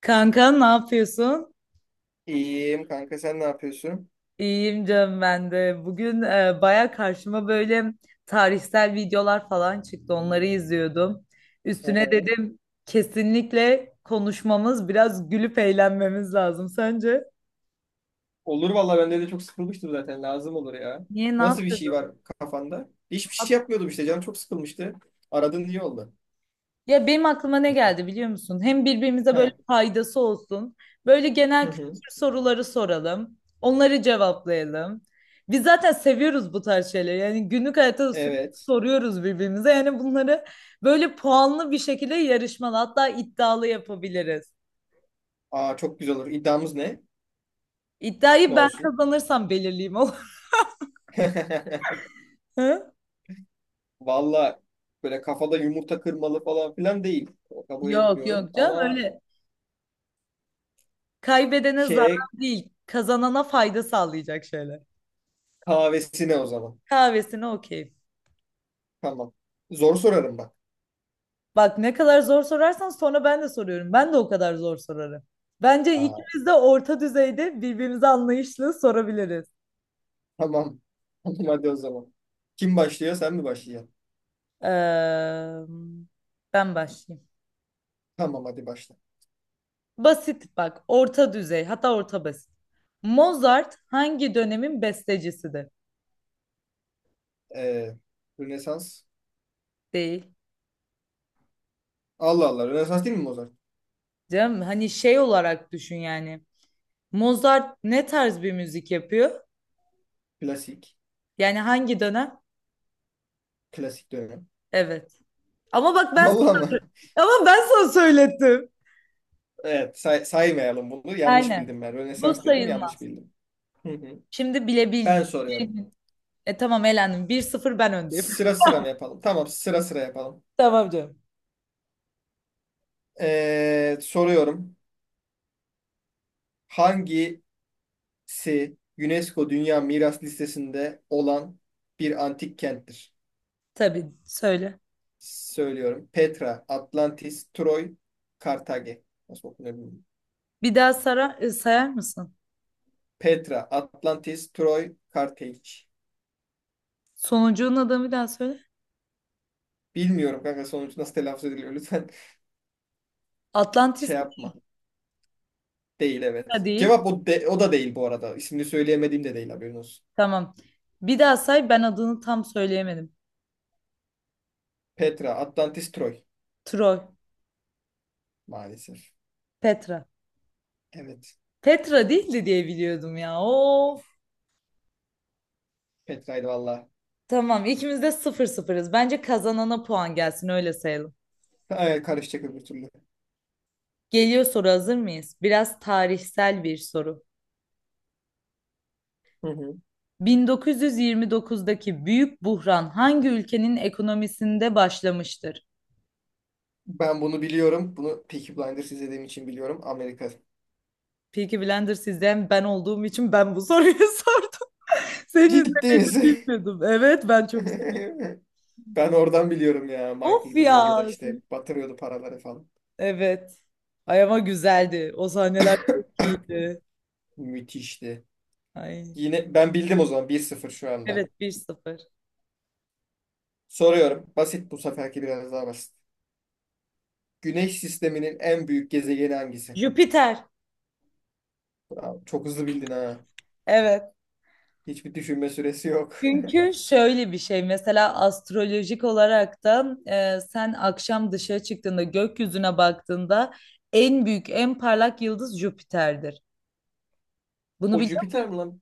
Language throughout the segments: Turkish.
Kanka ne yapıyorsun? İyiyim kanka, sen ne yapıyorsun? İyiyim canım ben de. Bugün baya karşıma böyle tarihsel videolar falan çıktı. Onları izliyordum. Üstüne dedim kesinlikle konuşmamız, biraz gülüp eğlenmemiz lazım. Sence? Olur valla, bende de çok sıkılmıştım zaten, lazım olur ya. Niye ne Nasıl bir şey yapıyordun? var kafanda? Hiçbir şey yapmıyordum işte, canım çok sıkılmıştı. Aradın iyi oldu. Ya benim aklıma ne geldi biliyor musun? Hem birbirimize He. böyle faydası olsun. Böyle genel Hı kültür hı. soruları soralım. Onları cevaplayalım. Biz zaten seviyoruz bu tarz şeyleri. Yani günlük hayatta da sürekli Evet. soruyoruz birbirimize. Yani bunları böyle puanlı bir şekilde yarışmalı hatta iddialı yapabiliriz. Aa, çok güzel olur. İddiamız ne? Ne İddiayı ben olsun? kazanırsam belirleyeyim olur. mu? Valla böyle kafada yumurta kırmalı falan filan değil. O kabul Yok etmiyorum yok canım ama öyle kaybedene şey, zarar değil. Kazanana fayda sağlayacak şeyler. kahvesine o zaman. Kahvesine okey. Tamam. Zor sorarım bak. Bak ne kadar zor sorarsan sonra ben de soruyorum. Ben de o kadar zor sorarım. Bence Aa, ikimiz de orta düzeyde birbirimize anlayışlı sorabiliriz. tamam. Tamam hadi o zaman. Kim başlıyor, sen mi başlayacaksın? Eee, Ben başlayayım. Tamam hadi başla. Basit bak, orta düzey, hatta orta basit. Mozart hangi dönemin bestecisidir? Ee, Rönesans. Değil. Allah Allah. Rönesans değil mi Mozart? Canım hani şey olarak düşün yani. Mozart ne tarz bir müzik yapıyor? Klasik. Yani hangi dönem? Klasik dönem. Evet. Ama bak ben Vallahi mı? ama ben sana söylettim. Evet. Saymayalım bunu. Yanlış Aynen. bildim ben. Bu Rönesans dedim. Yanlış sayılmaz. bildim. Hı hı. Şimdi Ben bilebileceğin... soruyorum. E tamam elendim. 1-0, ben öndeyim. Sıra sıra mı yapalım? Tamam. Sıra sıra yapalım. Tamam canım. Soruyorum. Hangisi UNESCO Dünya Miras Listesi'nde olan bir antik kenttir? Tabii söyle. Söylüyorum. Petra, Atlantis, Troy, Kartage. Nasıl okunuyor bilmiyorum. Bir daha sayar mısın? Petra, Atlantis, Troy, Kartage. Sonucunun adını bir daha söyle. Bilmiyorum kanka, sonuç nasıl telaffuz ediliyor. Lütfen Atlantis. şey yapma. Değil, Petra evet. değil. Cevap o, o da değil bu arada. İsmini söyleyemediğim de değil, haberin olsun. Tamam. Bir daha say ben adını tam söyleyemedim. Petra, Atlantis, Troy. Troy. Maalesef. Petra. Evet. Petra değildi diye biliyordum ya. Of. Petra'ydı valla. Tamam ikimiz de sıfır sıfırız. Bence kazanana puan gelsin öyle sayalım. Ay, karışacak öbür türlü. Geliyor soru hazır mıyız? Biraz tarihsel bir soru. Hı hı. 1929'daki büyük buhran hangi ülkenin ekonomisinde başlamıştır? Ben bunu biliyorum. Bunu Peaky Blinders izlediğim için biliyorum. Amerika. Peaky Blender sizden ben olduğum için ben bu soruyu sordum. Seni de Ciddi misin? bilmiyordum. Evet. Ben oradan biliyorum ya. Michael Of gidiyordu da ya. işte, batırıyordu paraları falan. Evet. Ay ama güzeldi. O sahneler çok iyiydi. Müthişti. Ay. Yine ben bildim o zaman, bir sıfır şu anda. Evet, 1-0. Soruyorum. Basit, bu seferki biraz daha basit. Güneş sisteminin en büyük gezegeni hangisi? Jüpiter. Bravo, çok hızlı bildin ha. Evet. Hiçbir düşünme süresi yok. Çünkü şöyle bir şey mesela astrolojik olarak da sen akşam dışarı çıktığında gökyüzüne baktığında en büyük en parlak yıldız Jüpiter'dir. Bunu O biliyor musun? Jüpiter mi lan?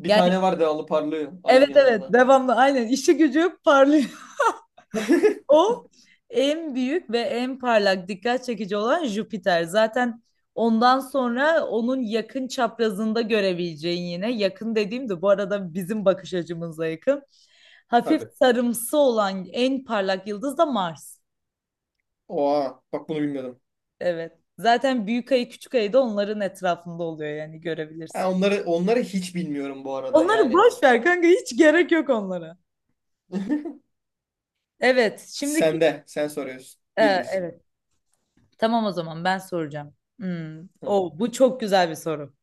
Bir Yani tane var devamlı parlıyor evet ayın evet yanında. devamlı aynen işi gücü parlıyor. O en büyük ve en parlak dikkat çekici olan Jüpiter. Zaten ondan sonra onun yakın çaprazında görebileceğin yine yakın dediğim de bu arada bizim bakış açımıza yakın. Hafif Tabii. sarımsı olan en parlak yıldız da Mars. Oha bak, bunu bilmiyordum. Evet. Zaten büyük ayı küçük ayı da onların etrafında oluyor yani görebilirsin. Ha, onları hiç bilmiyorum bu arada Onları yani. boş ver kanka hiç gerek yok onlara. Evet, Sen de, sen soruyorsun. Bir bir. evet. Tamam o zaman ben soracağım. Hmm. Hı. O bu çok güzel bir soru.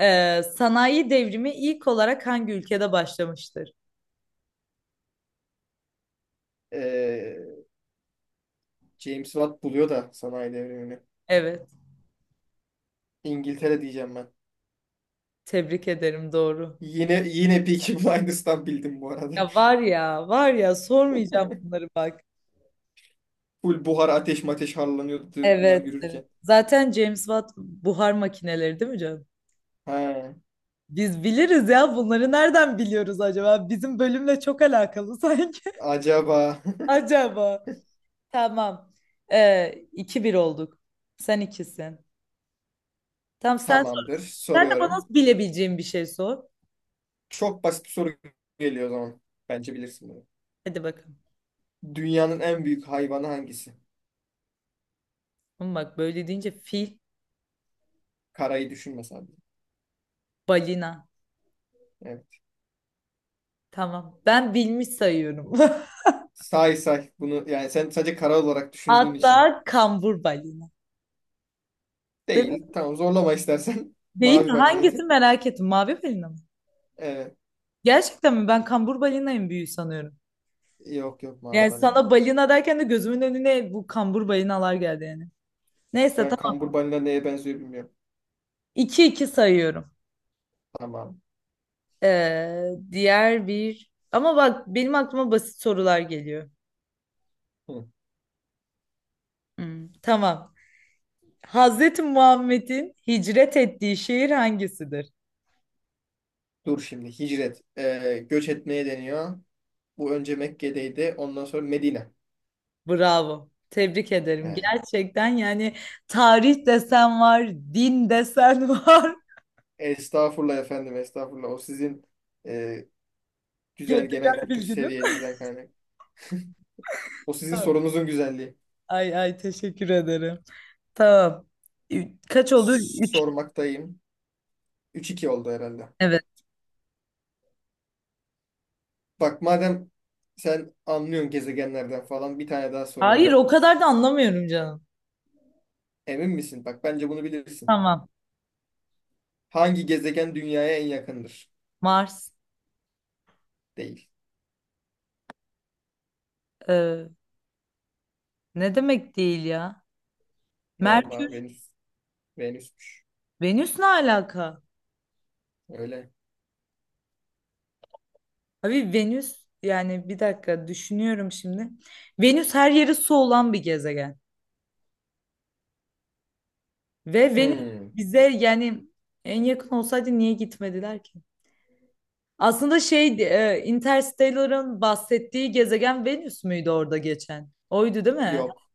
Sanayi devrimi ilk olarak hangi ülkede başlamıştır? Ee, James Watt buluyor da sanayi devrimini. Evet, İngiltere diyeceğim ben. tebrik ederim doğru. Yine yine Peaky Blinders'tan bildim bu arada. Ya var ya, var ya sormayacağım bunları bak. Full buhar ateş mateş harlanıyordu bunlar Evet, evet. yürürken. Zaten James Watt buhar makineleri değil mi canım? Ha, Biz biliriz ya bunları nereden biliyoruz acaba? Bizim bölümle çok alakalı sanki. acaba. Acaba. Tamam. 2-1 olduk. Sen ikisin. Tamam sen sor. Tamamdır. Sen de bana Soruyorum. bilebileceğim bir şey sor. Çok basit bir soru geliyor o zaman. Bence bilirsin bunu. Hadi bakalım. Dünyanın en büyük hayvanı hangisi? Ama bak böyle deyince fil, Karayı düşünme sadece. balina. Evet. Tamam. Ben bilmiş sayıyorum. Say say. Bunu yani, sen sadece kara olarak düşündüğün için. Hatta kambur balina. Değil mi? Değil. Tamam, zorlama istersen. Değil mi? Mavi Hangisi balinaydı. merak ettim. Mavi balina mı? Evet. Gerçekten mi? Ben kambur balinayım büyüğü sanıyorum. Yok yok, mavi Yani balina. sana balina derken de gözümün önüne bu kambur balinalar geldi yani. Neyse Ben tamam. kambur balina neye benziyor bilmiyorum. 2-2 sayıyorum. Tamam. Ama bak benim aklıma basit sorular geliyor. Hı. Hmm, tamam. Hazreti Muhammed'in hicret ettiği şehir hangisidir? Dur şimdi. Hicret. Göç etmeye deniyor. Bu önce Mekke'deydi. Ondan sonra Medine. Bravo. Tebrik ederim. Yani, Gerçekten yani tarih desen var, din desen var. estağfurullah efendim, estağfurullah. O sizin e, güzel genel Gezegen kültür bilginin. seviyenizden kaynak. O sizin sorunuzun güzelliği. Ay ay teşekkür ederim. Tamam. Kaç oldu? Üç. Sormaktayım. Üç iki oldu herhalde. Evet. Bak madem sen anlıyorsun gezegenlerden falan, bir tane daha Hayır soruyorum. o kadar da anlamıyorum canım. Emin misin? Bak bence bunu bilirsin. Tamam. Hangi gezegen dünyaya en yakındır? Mars. Değil. Ee, Ne demek değil ya? Vallahi Merkür. Venüs. Venüsmüş. Venüs ne alaka? Öyle. Abi Venüs yani bir dakika düşünüyorum şimdi. Venüs her yeri su olan bir gezegen. Ve Venüs Hmm, bize yani en yakın olsaydı niye gitmediler ki? Aslında şeydi, Interstellar'ın bahsettiği gezegen Venüs müydü orada geçen? Oydu değil mi? yok.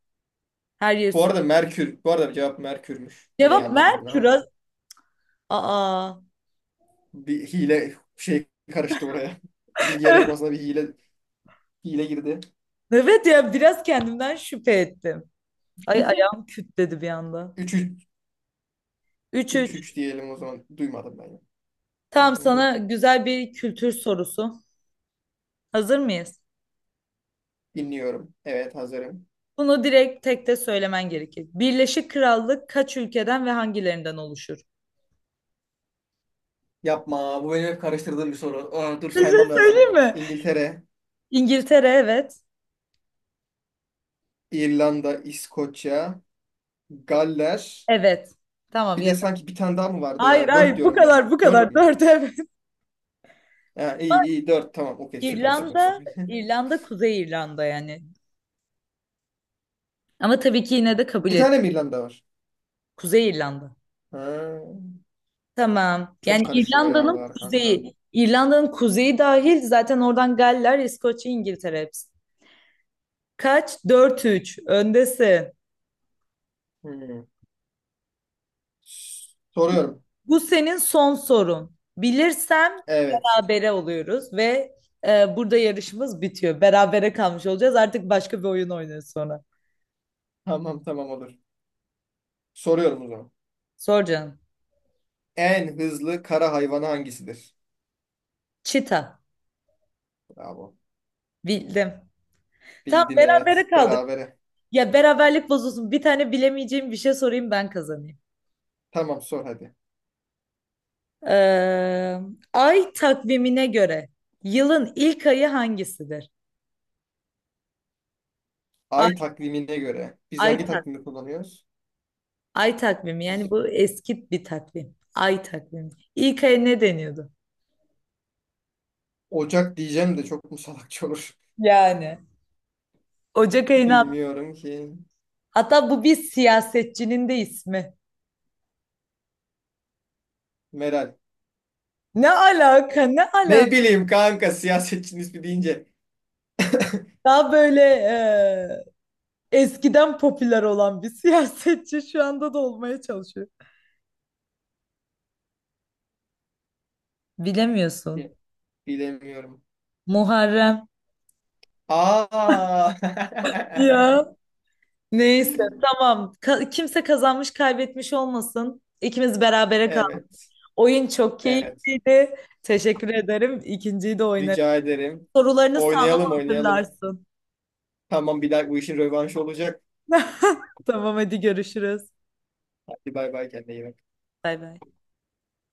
Her yer Bu su. arada Merkür. Bu arada cevap Merkür'müş. Yine Cevap yanlış bildin Merkür. ama. Aa. Bir hile şey karıştı oraya. Bilgi yarışmasına bir hile girdi. Evet ya biraz kendimden şüphe ettim. Ay ayağım küt dedi bir anda. Üç üç, Üç üç üç. 3 diyelim o zaman. Duymadım ben. Hı Tamam hı. sana güzel bir kültür sorusu. Hazır mıyız? Dinliyorum. Evet hazırım. Bunu direkt tek de söylemen gerekir. Birleşik Krallık kaç ülkeden ve hangilerinden oluşur? Yapma. Bu benim hep karıştırdığım bir soru. Aa, dur Bir şey saymam lazım. söyleyeyim mi? İngiltere, İngiltere evet. İrlanda, İskoçya, Galler. Evet. Tamam Bir de yeter. sanki bir tane daha mı vardı Hayır ya? Dört hayır bu diyorum ben. kadar bu Dört kadar. mü? Dört evet. Ha, iyi iyi, 4 tamam. Okey, süper süper İrlanda, süper. İrlanda, Kuzey İrlanda yani. Ama tabii ki yine de kabul İki edin. tane mi İrlanda var? Kuzey İrlanda. Ha, Tamam. Yani çok karışıyor ya İrlanda'nın oralar kanka. kuzeyi. İrlanda'nın kuzeyi dahil zaten oradan Galler, İskoçya, İngiltere hepsi. Kaç? 4-3. Öndesin. Hmm. Soruyorum. Bu senin son sorun. Bilirsem Evet. berabere oluyoruz ve burada yarışımız bitiyor. Berabere kalmış olacağız. Artık başka bir oyun oynuyoruz sonra. Tamam tamam, olur. Soruyorum o zaman. Sor canım. En hızlı kara hayvanı hangisidir? Çita. Bravo. Bildim. Tam Bildin, berabere evet. kaldık. Berabere. Ya beraberlik bozulsun. Bir tane bilemeyeceğim bir şey sorayım ben kazanayım. Tamam sor hadi. Ee, Ay takvimine göre yılın ilk ayı hangisidir? Ay Ay, takvimine göre. Biz ay, hangi tak, takvimi kullanıyoruz? Ay takvimi yani Biz, bu eski bir takvim. Ay takvimi. İlk ay ne deniyordu? Ocak diyeceğim de çok mu salakça olur? Yani. Ocak ayına Bilmiyorum ki. hatta bu bir siyasetçinin de ismi. Meral. Ne alaka ne Ne alaka? bileyim kanka, siyasetçinin ismi deyince. Daha böyle eskiden popüler olan bir siyasetçi şu anda da olmaya çalışıyor. Bilemiyorsun. Bilemiyorum. Muharrem. Aa. Ya neyse tamam. Kimse kazanmış kaybetmiş olmasın. İkimiz berabere kaldık. Evet. Oyun çok Evet. keyifliydi. Teşekkür ederim. İkinciyi de oynarım. Rica ederim. Sorularını sağlam Oynayalım oynayalım. hazırlarsın. Tamam, bir daha bu işin rövanşı olacak. Tamam hadi görüşürüz. Hadi bay bay, kendine iyi bak. Bay bay.